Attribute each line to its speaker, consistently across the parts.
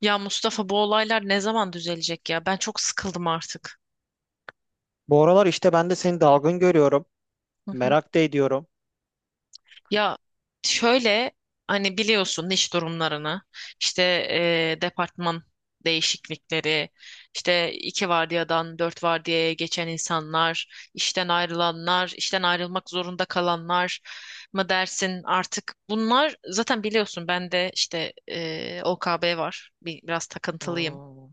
Speaker 1: Ya Mustafa, bu olaylar ne zaman düzelecek ya? Ben çok sıkıldım artık.
Speaker 2: Bu aralar işte ben de seni dalgın görüyorum.
Speaker 1: Hı hı.
Speaker 2: Merak da ediyorum.
Speaker 1: Ya şöyle, hani biliyorsun iş durumlarını, işte departman değişiklikleri, işte iki vardiyadan dört vardiyaya geçen insanlar, işten ayrılanlar, işten ayrılmak zorunda kalanlar mı dersin artık. Bunlar zaten biliyorsun, ben de işte OKB var, biraz takıntılıyım.
Speaker 2: Hmm,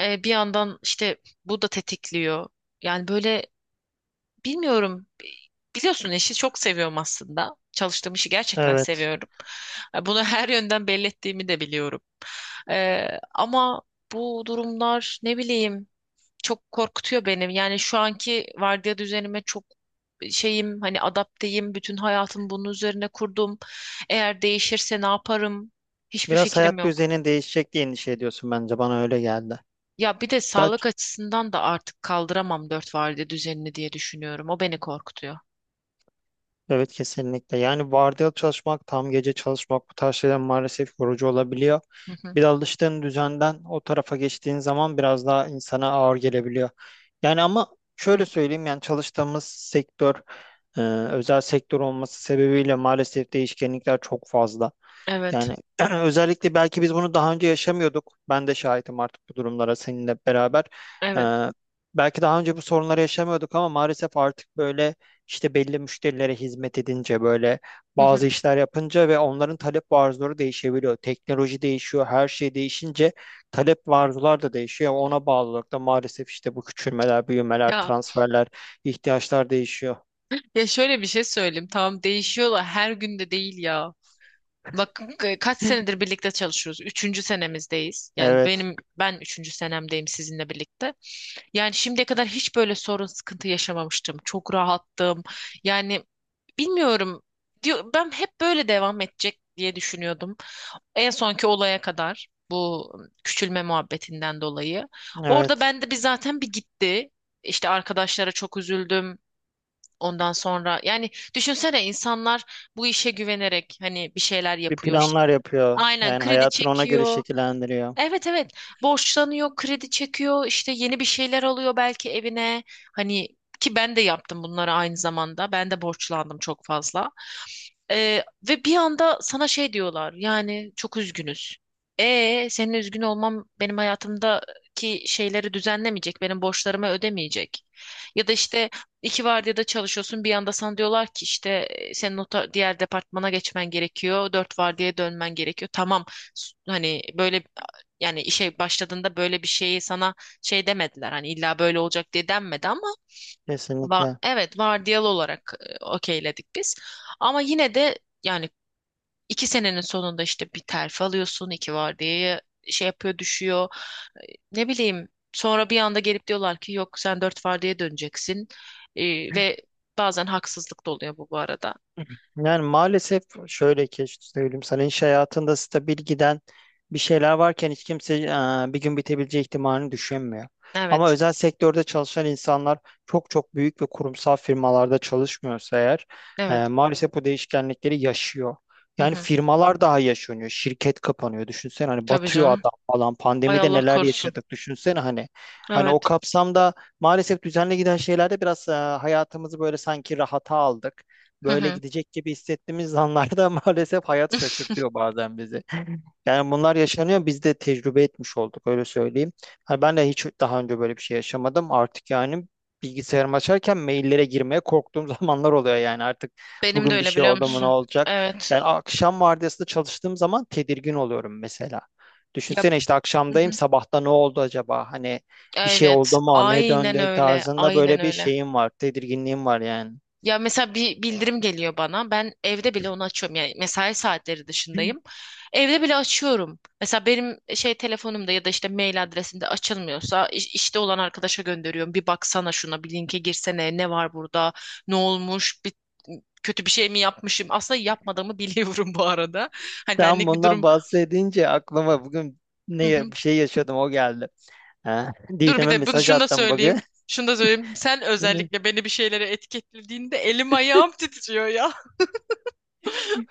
Speaker 1: Bir yandan işte bu da tetikliyor, yani böyle. Bilmiyorum. Biliyorsun işi çok seviyorum aslında. Çalıştığım işi gerçekten
Speaker 2: evet.
Speaker 1: seviyorum. Bunu her yönden belli ettiğimi de biliyorum. Ee, ama bu durumlar, ne bileyim, çok korkutuyor benim. Yani şu anki vardiya düzenime çok şeyim, hani adapteyim. Bütün hayatım bunun üzerine kurdum. Eğer değişirse ne yaparım? Hiçbir
Speaker 2: Biraz
Speaker 1: fikrim
Speaker 2: hayat
Speaker 1: yok.
Speaker 2: düzenin değişecek diye endişe ediyorsun bence. Bana öyle geldi.
Speaker 1: Ya bir de
Speaker 2: Daha, ç-
Speaker 1: sağlık açısından da artık kaldıramam dört vardiya düzenini diye düşünüyorum. O beni korkutuyor.
Speaker 2: evet kesinlikle. Yani vardiyalı çalışmak, tam gece çalışmak bu tarz şeyler maalesef yorucu olabiliyor.
Speaker 1: Hı hı.
Speaker 2: Bir de alıştığın düzenden o tarafa geçtiğin zaman biraz daha insana ağır gelebiliyor. Yani ama
Speaker 1: Hı.
Speaker 2: şöyle söyleyeyim yani çalıştığımız sektör, özel sektör olması sebebiyle maalesef değişkenlikler çok fazla.
Speaker 1: Evet.
Speaker 2: Yani özellikle belki biz bunu daha önce yaşamıyorduk. Ben de şahitim artık bu durumlara seninle beraber.
Speaker 1: Evet.
Speaker 2: Ee, Belki daha önce bu sorunları yaşamıyorduk ama maalesef artık böyle işte belli müşterilere hizmet edince böyle
Speaker 1: Hı hı.
Speaker 2: bazı işler yapınca ve onların talep ve arzuları değişebiliyor. Teknoloji değişiyor, her şey değişince talep ve arzular da değişiyor. Ona bağlı olarak da maalesef işte bu küçülmeler, büyümeler,
Speaker 1: Ya
Speaker 2: transferler, ihtiyaçlar değişiyor.
Speaker 1: ya şöyle bir şey söyleyeyim. Tamam, değişiyorlar, her gün de değil ya. Bak. Hı hı. Kaç senedir birlikte çalışıyoruz. Üçüncü senemizdeyiz. Yani
Speaker 2: Evet,
Speaker 1: ben üçüncü senemdeyim sizinle birlikte. Yani şimdiye kadar hiç böyle sorun sıkıntı yaşamamıştım. Çok rahattım. Yani bilmiyorum. Diyor, ben hep böyle devam edecek diye düşünüyordum. En sonki olaya kadar, bu küçülme muhabbetinden dolayı. Orada
Speaker 2: evet.
Speaker 1: bende bir zaten bir gitti. İşte arkadaşlara çok üzüldüm. Ondan sonra yani, düşünsene, insanlar bu işe güvenerek hani bir şeyler
Speaker 2: Bir
Speaker 1: yapıyor işte.
Speaker 2: planlar yapıyor.
Speaker 1: Aynen,
Speaker 2: Yani
Speaker 1: kredi
Speaker 2: hayatını ona göre
Speaker 1: çekiyor.
Speaker 2: şekillendiriyor.
Speaker 1: Evet, evet, borçlanıyor, kredi çekiyor, işte yeni bir şeyler alıyor belki evine. Hani, ki ben de yaptım bunları aynı zamanda. Ben de borçlandım çok fazla. Ee, ve bir anda sana şey diyorlar, yani çok üzgünüz. Senin üzgün olmam benim hayatımdaki şeyleri düzenlemeyecek, benim borçlarımı ödemeyecek. Ya da işte iki vardiyada çalışıyorsun, bir anda sana diyorlar ki işte senin diğer departmana geçmen gerekiyor, dört vardiyaya dönmen gerekiyor. Tamam, hani böyle, yani işe başladığında böyle bir şeyi sana şey demediler. Hani illa böyle olacak diye denmedi ama
Speaker 2: Kesinlikle.
Speaker 1: evet, vardiyalı olarak okeyledik biz. Ama yine de yani iki senenin sonunda işte bir terfi alıyorsun, iki vardiyaya şey yapıyor, düşüyor. Ne bileyim, sonra bir anda gelip diyorlar ki yok, sen dört vardiyaya döneceksin. Ve bazen haksızlık da oluyor, bu arada.
Speaker 2: Yani maalesef şöyle ki işte söyleyeyim sana iş hayatında stabil giden bir şeyler varken hiç kimse bir gün bitebileceği ihtimalini düşünmüyor. Ama
Speaker 1: Evet,
Speaker 2: özel sektörde çalışan insanlar çok çok büyük ve kurumsal firmalarda çalışmıyorsa eğer
Speaker 1: evet.
Speaker 2: maalesef bu değişkenlikleri yaşıyor.
Speaker 1: Hı
Speaker 2: Yani
Speaker 1: hı.
Speaker 2: firmalar daha yaşanıyor. Şirket kapanıyor. Düşünsene hani
Speaker 1: Tabii
Speaker 2: batıyor
Speaker 1: canım.
Speaker 2: adam falan.
Speaker 1: Ay,
Speaker 2: Pandemide
Speaker 1: Allah
Speaker 2: neler
Speaker 1: korusun.
Speaker 2: yaşadık düşünsene hani. Hani o
Speaker 1: Evet.
Speaker 2: kapsamda maalesef düzenli giden şeylerde biraz hayatımızı böyle sanki rahata aldık
Speaker 1: Hı
Speaker 2: böyle
Speaker 1: hı.
Speaker 2: gidecek gibi hissettiğimiz anlarda maalesef hayat şaşırtıyor bazen bizi. Yani bunlar yaşanıyor biz de tecrübe etmiş olduk öyle söyleyeyim. Hani ben de hiç daha önce böyle bir şey yaşamadım. Artık yani bilgisayarımı açarken maillere girmeye korktuğum zamanlar oluyor yani artık
Speaker 1: Benim de
Speaker 2: bugün bir
Speaker 1: öyle,
Speaker 2: şey
Speaker 1: biliyor
Speaker 2: oldu mu ne
Speaker 1: musun?
Speaker 2: olacak?
Speaker 1: Evet.
Speaker 2: Yani akşam vardiyasında çalıştığım zaman tedirgin oluyorum mesela.
Speaker 1: Ya.
Speaker 2: Düşünsene işte
Speaker 1: Hı
Speaker 2: akşamdayım
Speaker 1: hı.
Speaker 2: sabahta ne oldu acaba? Hani bir şey
Speaker 1: Evet,
Speaker 2: oldu mu ne
Speaker 1: aynen
Speaker 2: döndü
Speaker 1: öyle,
Speaker 2: tarzında
Speaker 1: aynen
Speaker 2: böyle bir
Speaker 1: öyle.
Speaker 2: şeyim var tedirginliğim var yani.
Speaker 1: Ya mesela bir bildirim geliyor bana. Ben evde bile onu açıyorum. Yani mesai saatleri dışındayım. Evde bile açıyorum. Mesela benim şey telefonumda ya da işte mail adresimde açılmıyorsa işte olan arkadaşa gönderiyorum. Bir baksana şuna, bir linke girsene. Ne var burada? Ne olmuş? Bir kötü bir şey mi yapmışım? Aslında yapmadığımı biliyorum bu arada. Hani,
Speaker 2: Tam
Speaker 1: benlik bir
Speaker 2: bundan
Speaker 1: durum.
Speaker 2: bahsedince aklıma bugün ne bir şey yaşadım o geldi. Ha,
Speaker 1: Dur, bir
Speaker 2: Didem'e
Speaker 1: de
Speaker 2: mesaj
Speaker 1: şunu da
Speaker 2: attım bugün.
Speaker 1: söyleyeyim. Şunu da söyleyeyim. Sen
Speaker 2: Beni
Speaker 1: özellikle beni bir şeylere etiketlediğinde elim ayağım titriyor ya.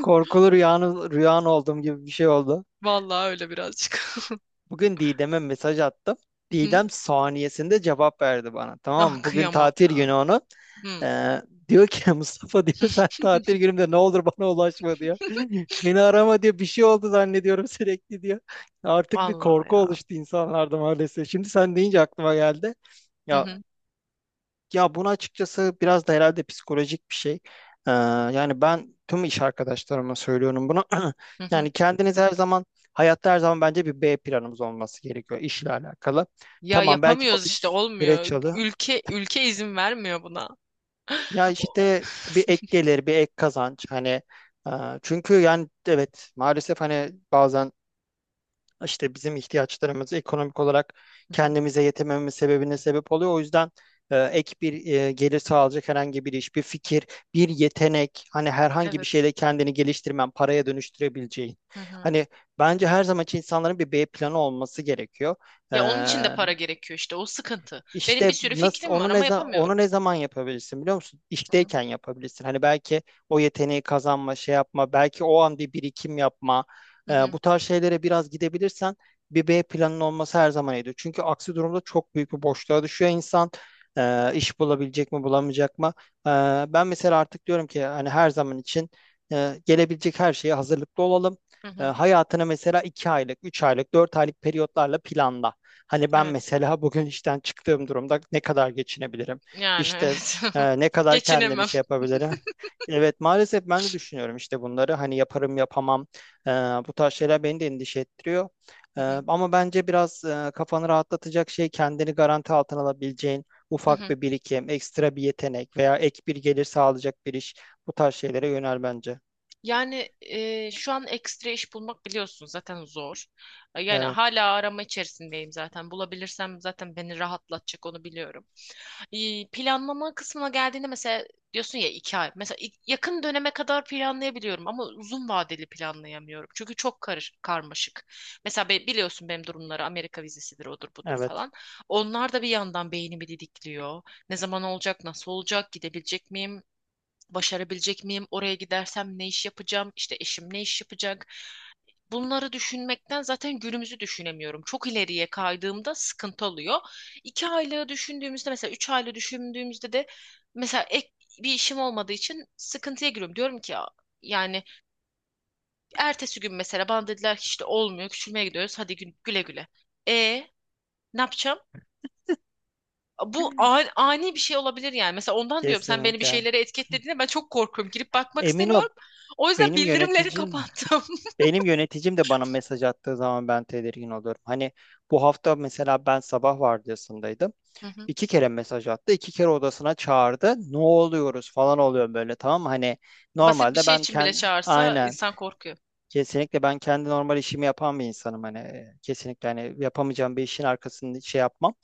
Speaker 2: Korkulu rüyanı, rüyan olduğum gibi bir şey oldu.
Speaker 1: Vallahi öyle, birazcık.
Speaker 2: Bugün Didem'e mesaj attım.
Speaker 1: Hı hı.
Speaker 2: Didem saniyesinde cevap verdi bana. Tamam
Speaker 1: Ah,
Speaker 2: mı? Bugün
Speaker 1: kıyamam
Speaker 2: tatil
Speaker 1: ya.
Speaker 2: günü onun.
Speaker 1: Hı.
Speaker 2: Ee, Diyor ki Mustafa diyor sen tatil günümde ne olur bana ulaşma diyor. Beni arama diyor bir şey oldu zannediyorum sürekli diyor. Artık bir
Speaker 1: Vallahi
Speaker 2: korku
Speaker 1: ya.
Speaker 2: oluştu insanlarda maalesef. Şimdi sen deyince aklıma geldi.
Speaker 1: Hı
Speaker 2: Ya
Speaker 1: hı.
Speaker 2: Ya bunu açıkçası biraz da herhalde psikolojik bir şey. Yani ben tüm iş arkadaşlarıma söylüyorum bunu.
Speaker 1: Hı hı.
Speaker 2: Yani kendiniz her zaman, hayatta her zaman bence bir B planımız olması gerekiyor işle alakalı.
Speaker 1: Ya
Speaker 2: Tamam belki bu
Speaker 1: yapamıyoruz işte,
Speaker 2: bir
Speaker 1: olmuyor.
Speaker 2: süreç alı.
Speaker 1: Ülke ülke izin vermiyor buna.
Speaker 2: Ya
Speaker 1: O-
Speaker 2: işte bir ek gelir, bir ek kazanç. Hani e, çünkü yani evet maalesef hani bazen işte bizim ihtiyaçlarımız ekonomik olarak
Speaker 1: Hı hı.
Speaker 2: kendimize yetemememiz sebebine sebep oluyor. O yüzden ek bir gelir sağlayacak herhangi bir iş, bir fikir, bir yetenek, hani herhangi bir
Speaker 1: Evet.
Speaker 2: şeyle kendini geliştirmen, paraya dönüştürebileceğin.
Speaker 1: Hı hı.
Speaker 2: Hani bence her zaman için insanların bir B planı olması gerekiyor. E,
Speaker 1: Ya, onun için de para gerekiyor, işte o sıkıntı. Benim bir
Speaker 2: işte
Speaker 1: sürü
Speaker 2: nasıl
Speaker 1: fikrim var ama yapamıyorum.
Speaker 2: onu ne zaman yapabilirsin biliyor musun?
Speaker 1: Hı hı.
Speaker 2: İşteyken yapabilirsin. Hani belki o yeteneği kazanma, şey yapma, belki o an bir birikim yapma.
Speaker 1: Hı hı.
Speaker 2: Bu tarz şeylere biraz gidebilirsen bir B planın olması her zaman iyidir. Çünkü aksi durumda çok büyük bir boşluğa düşüyor insan. İş bulabilecek mi, bulamayacak mı? Ee, Ben mesela artık diyorum ki hani her zaman için gelebilecek her şeye hazırlıklı olalım.
Speaker 1: Hı hı.
Speaker 2: Hayatını mesela iki aylık, üç aylık, dört aylık periyotlarla planla. Hani ben
Speaker 1: Evet.
Speaker 2: mesela bugün işten çıktığım durumda ne kadar geçinebilirim?
Speaker 1: Yani
Speaker 2: İşte
Speaker 1: evet.
Speaker 2: ne kadar kendimi
Speaker 1: Geçinemem.
Speaker 2: şey yapabilirim? Evet maalesef ben de düşünüyorum işte bunları. Hani yaparım yapamam. E, Bu tarz şeyler beni de endişe ettiriyor.
Speaker 1: Hı
Speaker 2: E,
Speaker 1: hı,
Speaker 2: Ama bence biraz kafanı rahatlatacak şey kendini garanti altına alabileceğin
Speaker 1: hı
Speaker 2: ufak
Speaker 1: hı.
Speaker 2: bir birikim, ekstra bir yetenek veya ek bir gelir sağlayacak bir iş. Bu tarz şeylere yönel bence.
Speaker 1: Yani şu an ekstra iş bulmak, biliyorsun, zaten zor. Yani
Speaker 2: Evet,
Speaker 1: hala arama içerisindeyim zaten. Bulabilirsem zaten beni rahatlatacak, onu biliyorum. Planlama kısmına geldiğinde, mesela diyorsun ya, iki ay. Mesela yakın döneme kadar planlayabiliyorum ama uzun vadeli planlayamıyorum. Çünkü çok karmaşık. Mesela biliyorsun benim durumları, Amerika vizesidir, odur budur
Speaker 2: evet.
Speaker 1: falan. Onlar da bir yandan beynimi didikliyor. Ne zaman olacak, nasıl olacak, gidebilecek miyim? Başarabilecek miyim? Oraya gidersem ne iş yapacağım? İşte eşim ne iş yapacak? Bunları düşünmekten zaten günümüzü düşünemiyorum. Çok ileriye kaydığımda sıkıntı oluyor. İki aylığı düşündüğümüzde, mesela üç aylığı düşündüğümüzde de, mesela ek bir işim olmadığı için sıkıntıya giriyorum. Diyorum ki ya yani, ertesi gün mesela bana dediler ki işte olmuyor, küçülmeye gidiyoruz, hadi güle güle. E Ne yapacağım? Bu ani, ani bir şey olabilir yani. Mesela ondan diyorum, sen beni bir
Speaker 2: Kesinlikle.
Speaker 1: şeylere etiketlediğinde ben çok korkuyorum. Girip bakmak
Speaker 2: Emin ol
Speaker 1: istemiyorum. O yüzden
Speaker 2: benim
Speaker 1: bildirimleri
Speaker 2: yöneticim
Speaker 1: kapattım.
Speaker 2: Benim yöneticim de bana mesaj attığı zaman ben tedirgin oluyorum. Hani bu hafta mesela ben sabah vardiyasındaydım.
Speaker 1: Hı hı.
Speaker 2: İki kere mesaj attı, iki kere odasına çağırdı. Ne oluyoruz falan oluyor böyle tamam mı? Hani
Speaker 1: Basit bir
Speaker 2: normalde
Speaker 1: şey
Speaker 2: ben
Speaker 1: için bile
Speaker 2: kendi
Speaker 1: çağırsa
Speaker 2: aynen
Speaker 1: insan korkuyor.
Speaker 2: Kesinlikle ben kendi normal işimi yapan bir insanım hani kesinlikle hani yapamayacağım bir işin arkasında şey yapmam.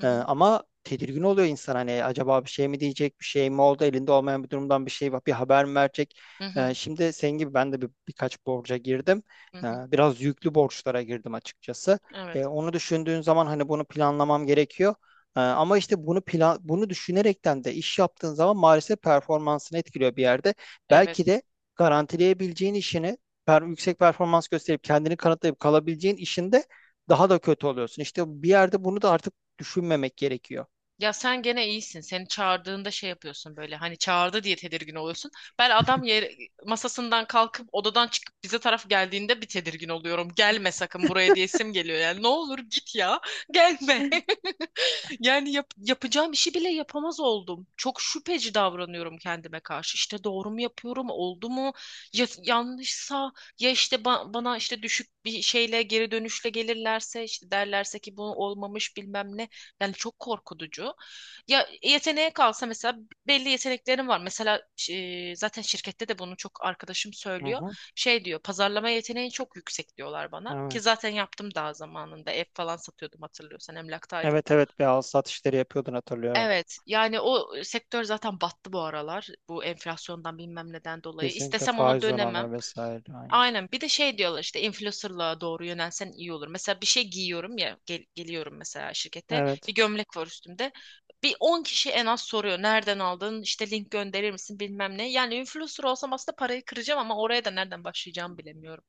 Speaker 1: Hı hı.
Speaker 2: Ama tedirgin oluyor insan hani acaba bir şey mi diyecek bir şey mi oldu elinde olmayan bir durumdan bir şey var bir haber mi verecek?
Speaker 1: Hı hı.
Speaker 2: Şimdi senin gibi ben de birkaç borca girdim.
Speaker 1: Hı hı.
Speaker 2: Biraz yüklü borçlara girdim açıkçası.
Speaker 1: Evet.
Speaker 2: Onu düşündüğün zaman hani bunu planlamam gerekiyor. Ama işte bunu düşünerekten de iş yaptığın zaman maalesef performansını etkiliyor bir yerde. Belki
Speaker 1: Evet.
Speaker 2: de garantileyebileceğin işini yüksek performans gösterip kendini kanıtlayıp kalabileceğin işinde daha da kötü oluyorsun. İşte bir yerde bunu da artık düşünmemek gerekiyor.
Speaker 1: Ya sen gene iyisin. Seni çağırdığında şey yapıyorsun böyle, hani çağırdı diye tedirgin oluyorsun. Ben adam yer, masasından kalkıp odadan çıkıp bize taraf geldiğinde bir tedirgin oluyorum. Gelme sakın buraya, diyesim geliyor yani. Ne olur git ya. Gelme. Yani yapacağım işi bile yapamaz oldum. Çok şüpheci davranıyorum kendime karşı. İşte doğru mu yapıyorum, oldu mu? Ya yanlışsa, ya işte bana işte düşük bir şeyle, geri dönüşle gelirlerse, işte derlerse ki bu olmamış, bilmem ne. Yani çok korkutucu. Ya yeteneğe kalsa, mesela belli yeteneklerim var. Mesela zaten şirkette de bunu çok arkadaşım
Speaker 2: Hı
Speaker 1: söylüyor.
Speaker 2: hı,
Speaker 1: Şey diyor, pazarlama yeteneğin çok yüksek diyorlar bana. Ki
Speaker 2: evet.
Speaker 1: zaten yaptım daha zamanında. Ev falan satıyordum, hatırlıyorsan, emlaktaydım.
Speaker 2: Evet evet bir al sat işleri yapıyordun hatırlıyorum.
Speaker 1: Evet, yani o sektör zaten battı bu aralar. Bu enflasyondan, bilmem neden dolayı.
Speaker 2: Kesinlikle
Speaker 1: İstesem ona
Speaker 2: faiz
Speaker 1: dönemem.
Speaker 2: oranları vesaire. Aynı.
Speaker 1: Aynen, bir de şey diyorlar işte, influencer'lığa doğru yönelsen iyi olur. Mesela bir şey giyiyorum ya, geliyorum mesela şirkete,
Speaker 2: Evet.
Speaker 1: bir gömlek var üstümde. Bir 10 kişi en az soruyor, nereden aldın. İşte link gönderir misin, bilmem ne. Yani influencer olsam aslında parayı kıracağım ama oraya da nereden başlayacağımı bilemiyorum.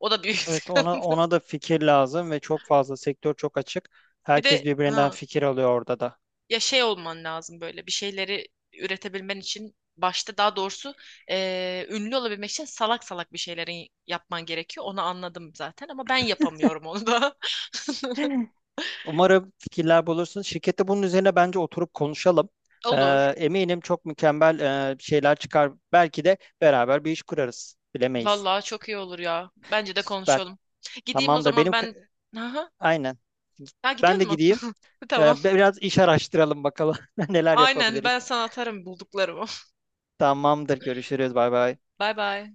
Speaker 1: O da büyük
Speaker 2: Evet
Speaker 1: sıkıntı.
Speaker 2: ona da fikir lazım ve çok fazla sektör çok açık.
Speaker 1: Bir
Speaker 2: Herkes
Speaker 1: de
Speaker 2: birbirinden
Speaker 1: ha,
Speaker 2: fikir alıyor orada da.
Speaker 1: ya şey olman lazım, böyle bir şeyleri üretebilmen için başta, daha doğrusu, ünlü olabilmek için salak salak bir şeyleri yapman gerekiyor. Onu anladım zaten ama ben yapamıyorum onu da.
Speaker 2: Umarım fikirler bulursun. Şirkette bunun üzerine bence oturup konuşalım. Ee,
Speaker 1: Olur.
Speaker 2: Eminim çok mükemmel şeyler çıkar. Belki de beraber bir iş kurarız. Bilemeyiz.
Speaker 1: Vallahi çok iyi olur ya. Bence de
Speaker 2: Süper.
Speaker 1: konuşalım. Gideyim o
Speaker 2: Tamamdır.
Speaker 1: zaman ben. Aha.
Speaker 2: Aynen.
Speaker 1: Ha, gidiyor
Speaker 2: Ben de
Speaker 1: mu?
Speaker 2: gideyim.
Speaker 1: Tamam.
Speaker 2: Biraz iş araştıralım bakalım neler
Speaker 1: Aynen,
Speaker 2: yapabiliriz.
Speaker 1: ben sana atarım bulduklarımı.
Speaker 2: Tamamdır. Görüşürüz. Bay bay.
Speaker 1: Bay bay.